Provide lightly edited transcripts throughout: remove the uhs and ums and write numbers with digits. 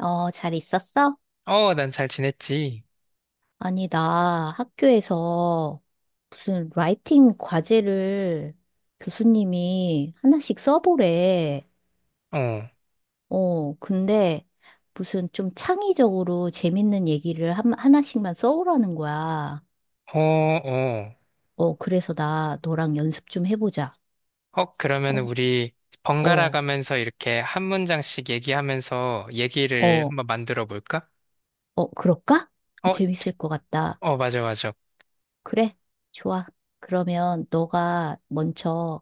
어, 잘 있었어? 어, 난 잘 지냈지. 아니, 나 학교에서 무슨 라이팅 과제를 교수님이 하나씩 써보래. 어, 근데 무슨 좀 창의적으로 재밌는 얘기를 하나씩만 써오라는 거야. 어, 어. 그래서 나 너랑 연습 좀 해보자. 어, 그러면 어, 우리 번갈아 어, 가면서 이렇게 한 문장씩 얘기하면서 얘기를 어, 한번 만들어 볼까? 어, 그럴까? 어, 재밌을 것 같다. 어, 맞아, 맞아. 그래, 좋아. 그러면 너가 먼저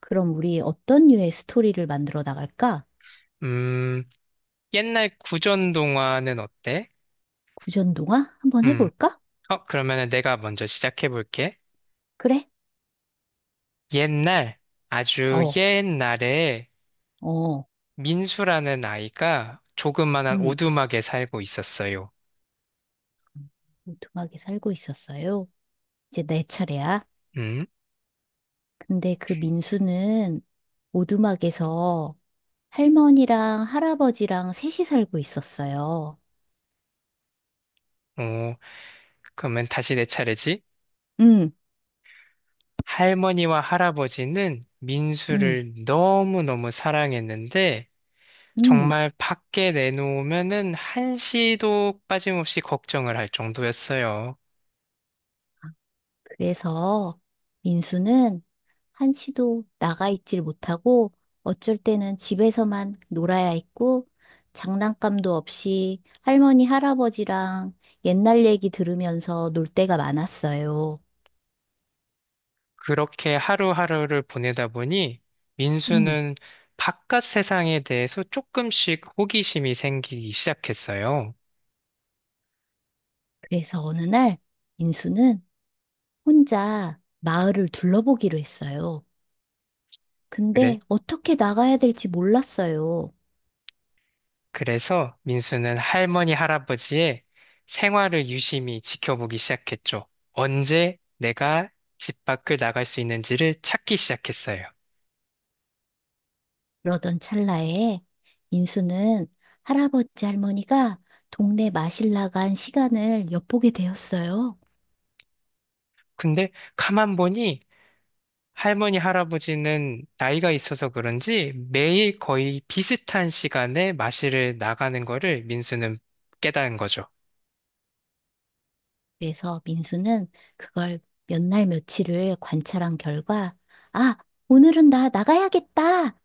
그럼 우리 어떤 류의 스토리를 만들어 나갈까? 음, 옛날 구전 동화는 어때? 구전동화 한번 음, 해볼까? 어, 그러면 내가 먼저 시작해 볼게. 그래? 옛날, 아주 어, 옛날에 어, 민수라는 아이가 조그만한 음. 오두막에 살고 있었어요. 오두막에 살고 있었어요. 이제 내 차례야. 음, 근데 그 민수는 오두막에서 할머니랑 할아버지랑 셋이 살고 있었어요. 어, 그러면 다시 내 차례지? 응, 할머니와 할아버지는 응, 민수를 너무너무 사랑했는데, 응. 정말 밖에 내놓으면은 한시도 빠짐없이 걱정을 할 정도였어요. 그래서 민수는 한시도 나가 있질 못하고 어쩔 때는 집에서만 놀아야 했고 장난감도 없이 할머니, 할아버지랑 옛날 얘기 들으면서 놀 때가 많았어요. 그렇게 하루하루를 보내다 보니, 음, 민수는 바깥 세상에 대해서 조금씩 호기심이 생기기 시작했어요. 그래서 어느 날 인수는 혼자 마을을 둘러보기로 했어요. 그래, 근데 어떻게 나가야 될지 몰랐어요. 그래서 민수는 할머니, 할아버지의 생활을 유심히 지켜보기 시작했죠. 언제 내가 집 밖을 나갈 수 있는지를 찾기 시작했어요. 그러던 찰나에 인수는 할아버지 할머니가 동네 마실 나간 시간을 엿보게 되었어요. 근데 가만 보니 할머니, 할아버지는 나이가 있어서 그런지 매일 거의 비슷한 시간에 마실을 나가는 거를 민수는 깨달은 거죠. 그래서 민수는 그걸 몇 날 며칠을 관찰한 결과, 아, 오늘은 나 나가야겠다.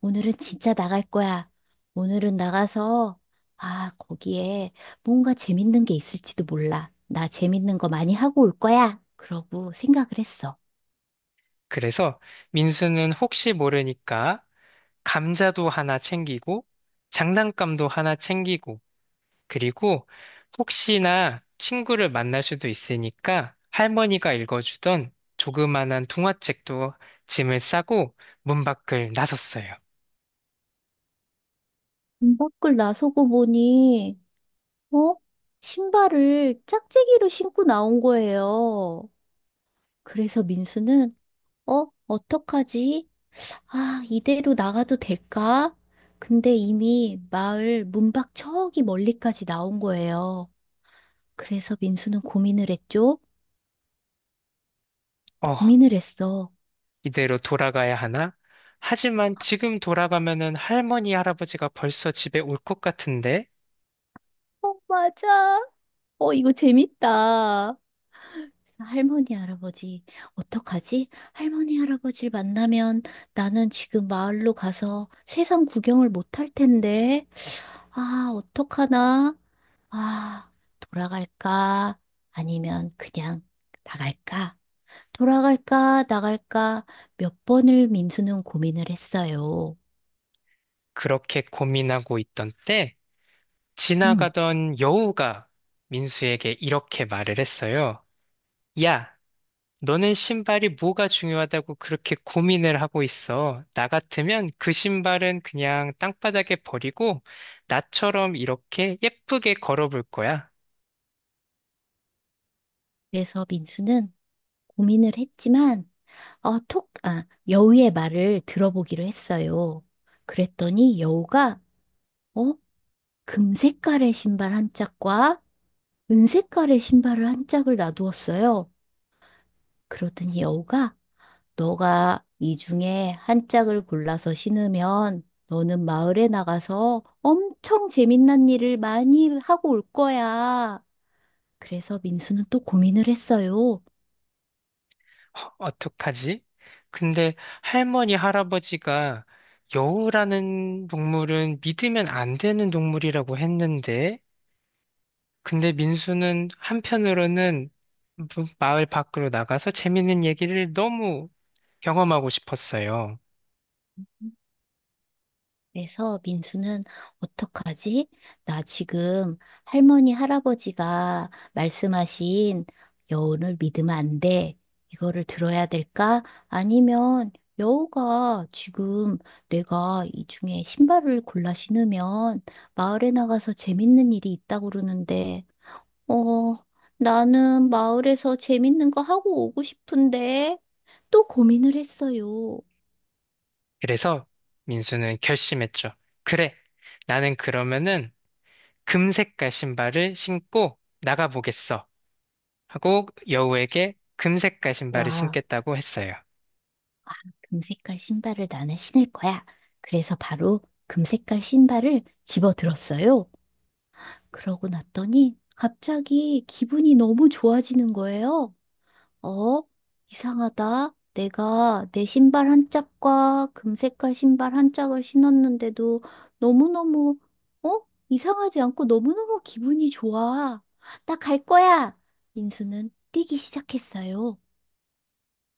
오늘은 진짜 나갈 거야. 오늘은 나가서, 아, 거기에 뭔가 재밌는 게 있을지도 몰라. 나 재밌는 거 많이 하고 올 거야. 그러고 생각을 했어. 그래서 민수는 혹시 모르니까 감자도 하나 챙기고 장난감도 하나 챙기고 그리고 혹시나 친구를 만날 수도 있으니까 할머니가 읽어주던 조그만한 동화책도 짐을 싸고 문 밖을 나섰어요. 문 밖을 나서고 보니, 어? 신발을 짝재기로 신고 나온 거예요. 그래서 민수는, 어? 어떡하지? 아, 이대로 나가도 될까? 근데 이미 마을 문밖 저기 멀리까지 나온 거예요. 그래서 민수는 고민을 했죠? 어, 고민을 했어. 이대로 돌아가야 하나? 하지만 지금 돌아가면은 할머니, 할아버지가 벌써 집에 올 것 같은데? 어, 맞아. 어, 이거 재밌다. 할머니, 할아버지, 어떡하지? 할머니, 할아버지를 만나면 나는 지금 마을로 가서 세상 구경을 못 할 텐데. 아, 어떡하나? 아, 돌아갈까? 아니면 그냥 나갈까? 돌아갈까, 나갈까 몇 번을 민수는 고민을 했어요. 그렇게 고민하고 있던 때 음. 지나가던 여우가 민수에게 이렇게 말을 했어요. 야, 너는 신발이 뭐가 중요하다고 그렇게 고민을 하고 있어? 나 같으면 그 신발은 그냥 땅바닥에 버리고 나처럼 이렇게 예쁘게 걸어볼 거야. 그래서 민수는 고민을 했지만, 여우의 말을 들어보기로 했어요. 그랬더니 여우가, 어, 금색깔의 신발 한 짝과 은색깔의 신발을 한 짝을 놔두었어요. 그러더니 여우가, 너가 이 중에 한 짝을 골라서 신으면 너는 마을에 나가서 엄청 재밌는 일을 많이 하고 올 거야. 그래서 민수는 또 고민을 했어요. 허, 어떡하지? 근데 할머니, 할아버지가 여우라는 동물은 믿으면 안 되는 동물이라고 했는데, 근데 민수는 한편으로는 마을 밖으로 나가서 재밌는 얘기를 너무 경험하고 싶었어요. 그래서 민수는 어떡하지? 나 지금 할머니, 할아버지가 말씀하신 여운을 믿으면 안 돼. 이거를 들어야 될까? 아니면 여우가 지금 내가 이 중에 신발을 골라 신으면 마을에 나가서 재밌는 일이 있다고 그러는데, 어, 나는 마을에서 재밌는 거 하고 오고 싶은데 또 고민을 했어요. 그래서 민수는 결심했죠. 그래, 나는 그러면은 금색깔 신발을 신고 나가보겠어. 하고 여우에게 금색깔 신발을 와. 신겠다고 했어요. 금색깔 신발을 나는 신을 거야. 그래서 바로 금색깔 신발을 집어 들었어요. 그러고 났더니 갑자기 기분이 너무 좋아지는 거예요. 어? 이상하다. 내가 내 신발 한 짝과 금색깔 신발 한 짝을 신었는데도 너무너무, 어? 이상하지 않고 너무너무 기분이 좋아. 나 갈 거야. 민수는 뛰기 시작했어요.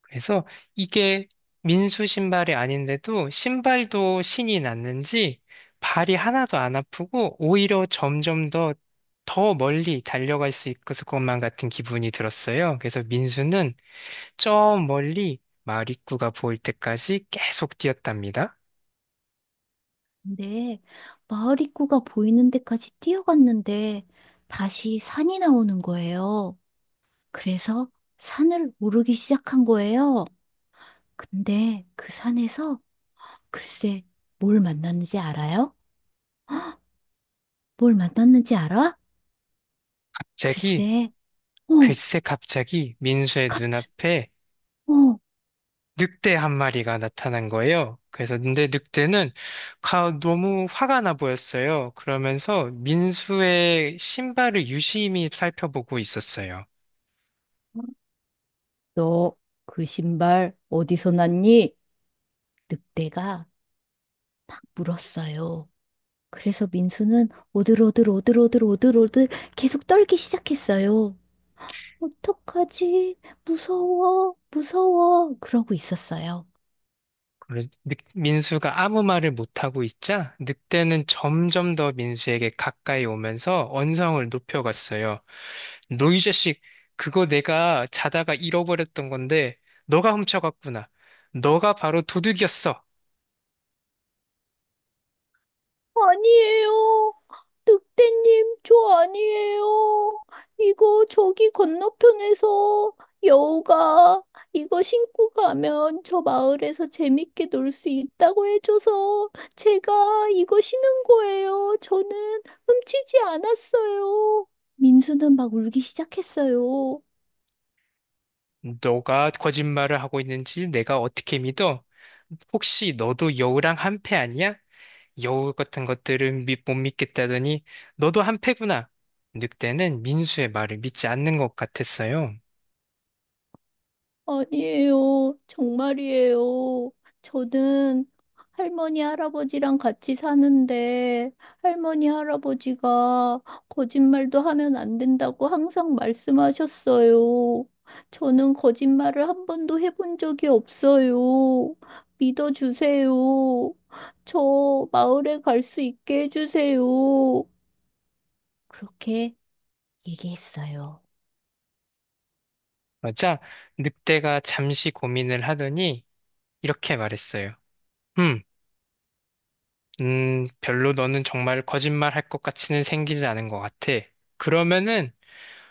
그래서 이게 민수 신발이 아닌데도 신발도 신이 났는지 발이 하나도 안 아프고 오히려 점점 더 더 멀리 달려갈 수 있을 것만 같은 기분이 들었어요. 그래서 민수는 저 멀리 마을 입구가 보일 때까지 계속 뛰었답니다. 네, 마을 입구가 보이는 데까지 뛰어갔는데 다시 산이 나오는 거예요. 그래서 산을 오르기 시작한 거예요. 근데 그 산에서 글쎄 뭘 만났는지 알아요? 뭘 만났는지 알아? 갑자기, 글쎄, 어, 글쎄 갑자기 민수의 갑자, 눈앞에 어, 늑대 한 마리가 나타난 거예요. 그래서 근데 늑대는 너무 화가 나 보였어요. 그러면서 민수의 신발을 유심히 살펴보고 있었어요. 너 그 신발 어디서 났니? 늑대가 물었어요. 그래서 민수는 오들오들 오들오들 오들오들 계속 떨기 시작했어요. 어떡하지? 무서워, 무서워. 그러고 있었어요. 그래서 민수가 아무 말을 못하고 있자 늑대는 점점 더 민수에게 가까이 오면서 언성을 높여갔어요. 너 이 자식, 그거 내가 자다가 잃어버렸던 건데 너가 훔쳐갔구나. 너가 바로 도둑이었어. 아니에요. 늑대님, 저 아니에요. 이거 저기 건너편에서 여우가 이거 신고 가면 저 마을에서 재밌게 놀 수 있다고 해줘서 제가 이거 신은 거예요. 저는 훔치지 않았어요. 민수는 막 울기 시작했어요. 너가 거짓말을 하고 있는지 내가 어떻게 믿어? 혹시 너도 여우랑 한패 아니야? 여우 같은 것들은 못 믿겠다더니 너도 한패구나. 늑대는 민수의 말을 믿지 않는 것 같았어요. 아니에요. 정말이에요. 저는 할머니, 할아버지랑 같이 사는데, 할머니, 할아버지가 거짓말도 하면 안 된다고 항상 말씀하셨어요. 저는 거짓말을 한 번도 해본 적이 없어요. 믿어주세요. 저 마을에 갈 수 있게 해주세요. 그렇게 얘기했어요. 맞아. 늑대가 잠시 고민을 하더니 이렇게 말했어요. 음, 별로 너는 정말 거짓말 할 것 같이는 생기지 않은 것 같아. 그러면은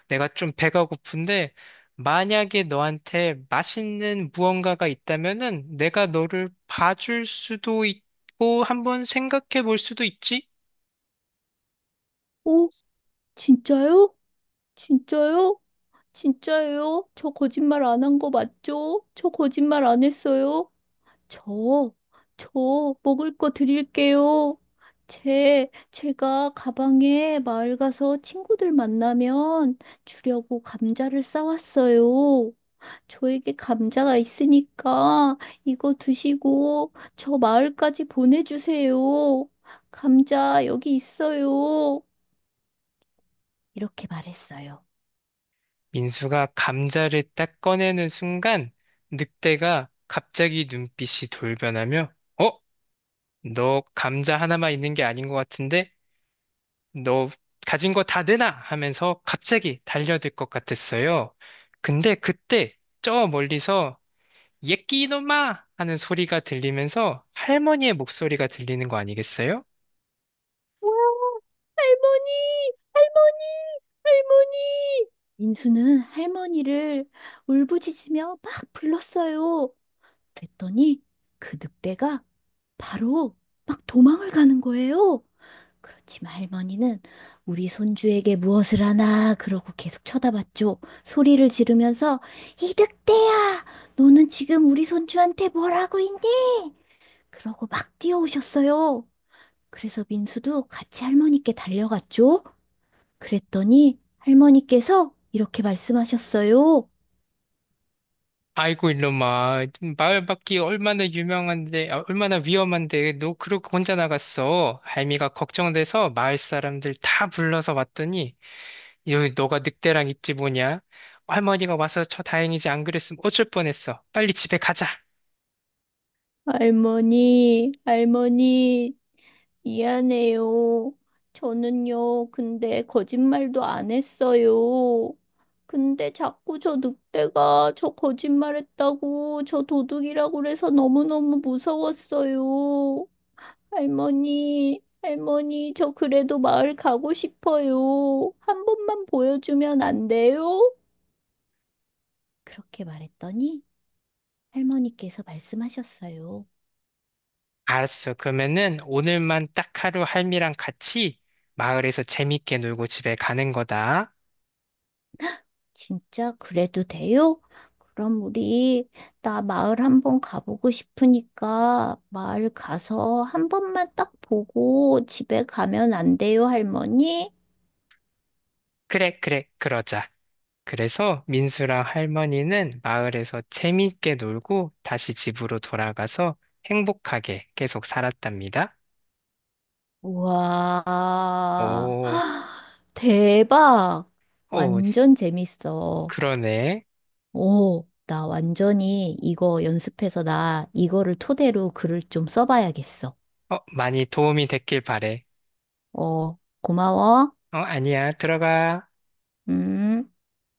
내가 좀 배가 고픈데 만약에 너한테 맛있는 무언가가 있다면은 내가 너를 봐줄 수도 있고 한번 생각해 볼 수도 있지? 오, 진짜요? 진짜요? 진짜예요? 저 거짓말 안 한 거 맞죠? 저 거짓말 안 했어요? 저, 저 먹을 거 드릴게요. 제가 가방에 마을 가서 친구들 만나면 주려고 감자를 싸왔어요. 저에게 감자가 있으니까 이거 드시고 저 마을까지 보내주세요. 감자 여기 있어요. 이렇게 말했어요. 민수가 감자를 딱 꺼내는 순간 늑대가 갑자기 눈빛이 돌변하며 어? 너 감자 하나만 있는 게 아닌 것 같은데, 너 가진 거 다 내놔! 하면서 갑자기 달려들 것 같았어요. 근데 그때 저 멀리서 예끼 이놈아! 하는 소리가 들리면서 할머니의 목소리가 들리는 거 아니겠어요? 할머니, 할머니, 할머니. 민수는 할머니를 울부짖으며 막 불렀어요. 그랬더니 그 늑대가 바로 막 도망을 가는 거예요. 그렇지만 할머니는 우리 손주에게 무엇을 하나 그러고 계속 쳐다봤죠. 소리를 지르면서 이 늑대야, 너는 지금 우리 손주한테 뭘 하고 있니? 그러고 막 뛰어오셨어요. 그래서 민수도 같이 할머니께 달려갔죠. 그랬더니 할머니께서 이렇게 말씀하셨어요. 아이고 이놈아, 마을 밖이 얼마나 유명한데, 아, 얼마나 위험한데, 너 그러고 혼자 나갔어. 할미가 걱정돼서 마을 사람들 다 불러서 왔더니 여기 너가 늑대랑 있지 뭐냐? 할머니가 와서 저 다행이지 안 그랬으면 어쩔 뻔했어. 빨리 집에 가자. 할머니, 할머니, 미안해요. 저는요, 근데 거짓말도 안 했어요. 근데 자꾸 저 늑대가 저 거짓말했다고 저 도둑이라고 그래서 너무너무 무서웠어요. 할머니, 할머니, 저 그래도 마을 가고 싶어요. 한 번만 보여주면 안 돼요? 그렇게 말했더니 할머니께서 말씀하셨어요. 알았어. 그러면은 오늘만 딱 하루 할미랑 같이 마을에서 재밌게 놀고 집에 가는 거다. 진짜 그래도 돼요? 그럼 우리 나 마을 한번 가보고 싶으니까 마을 가서 한 번만 딱 보고 집에 가면 안 돼요, 할머니? 그래, 그래, 그러자. 그래서 민수랑 할머니는 마을에서 재밌게 놀고 다시 집으로 돌아가서 행복하게 계속 살았답니다. 우와, 오, 대박! 오, 완전 재밌어. 그러네. 오, 나 완전히 이거 연습해서 나 이거를 토대로 글을 좀 써봐야겠어. 어, 많이 도움이 됐길 바래. 어, 고마워. 어, 아니야. 들어가. 음.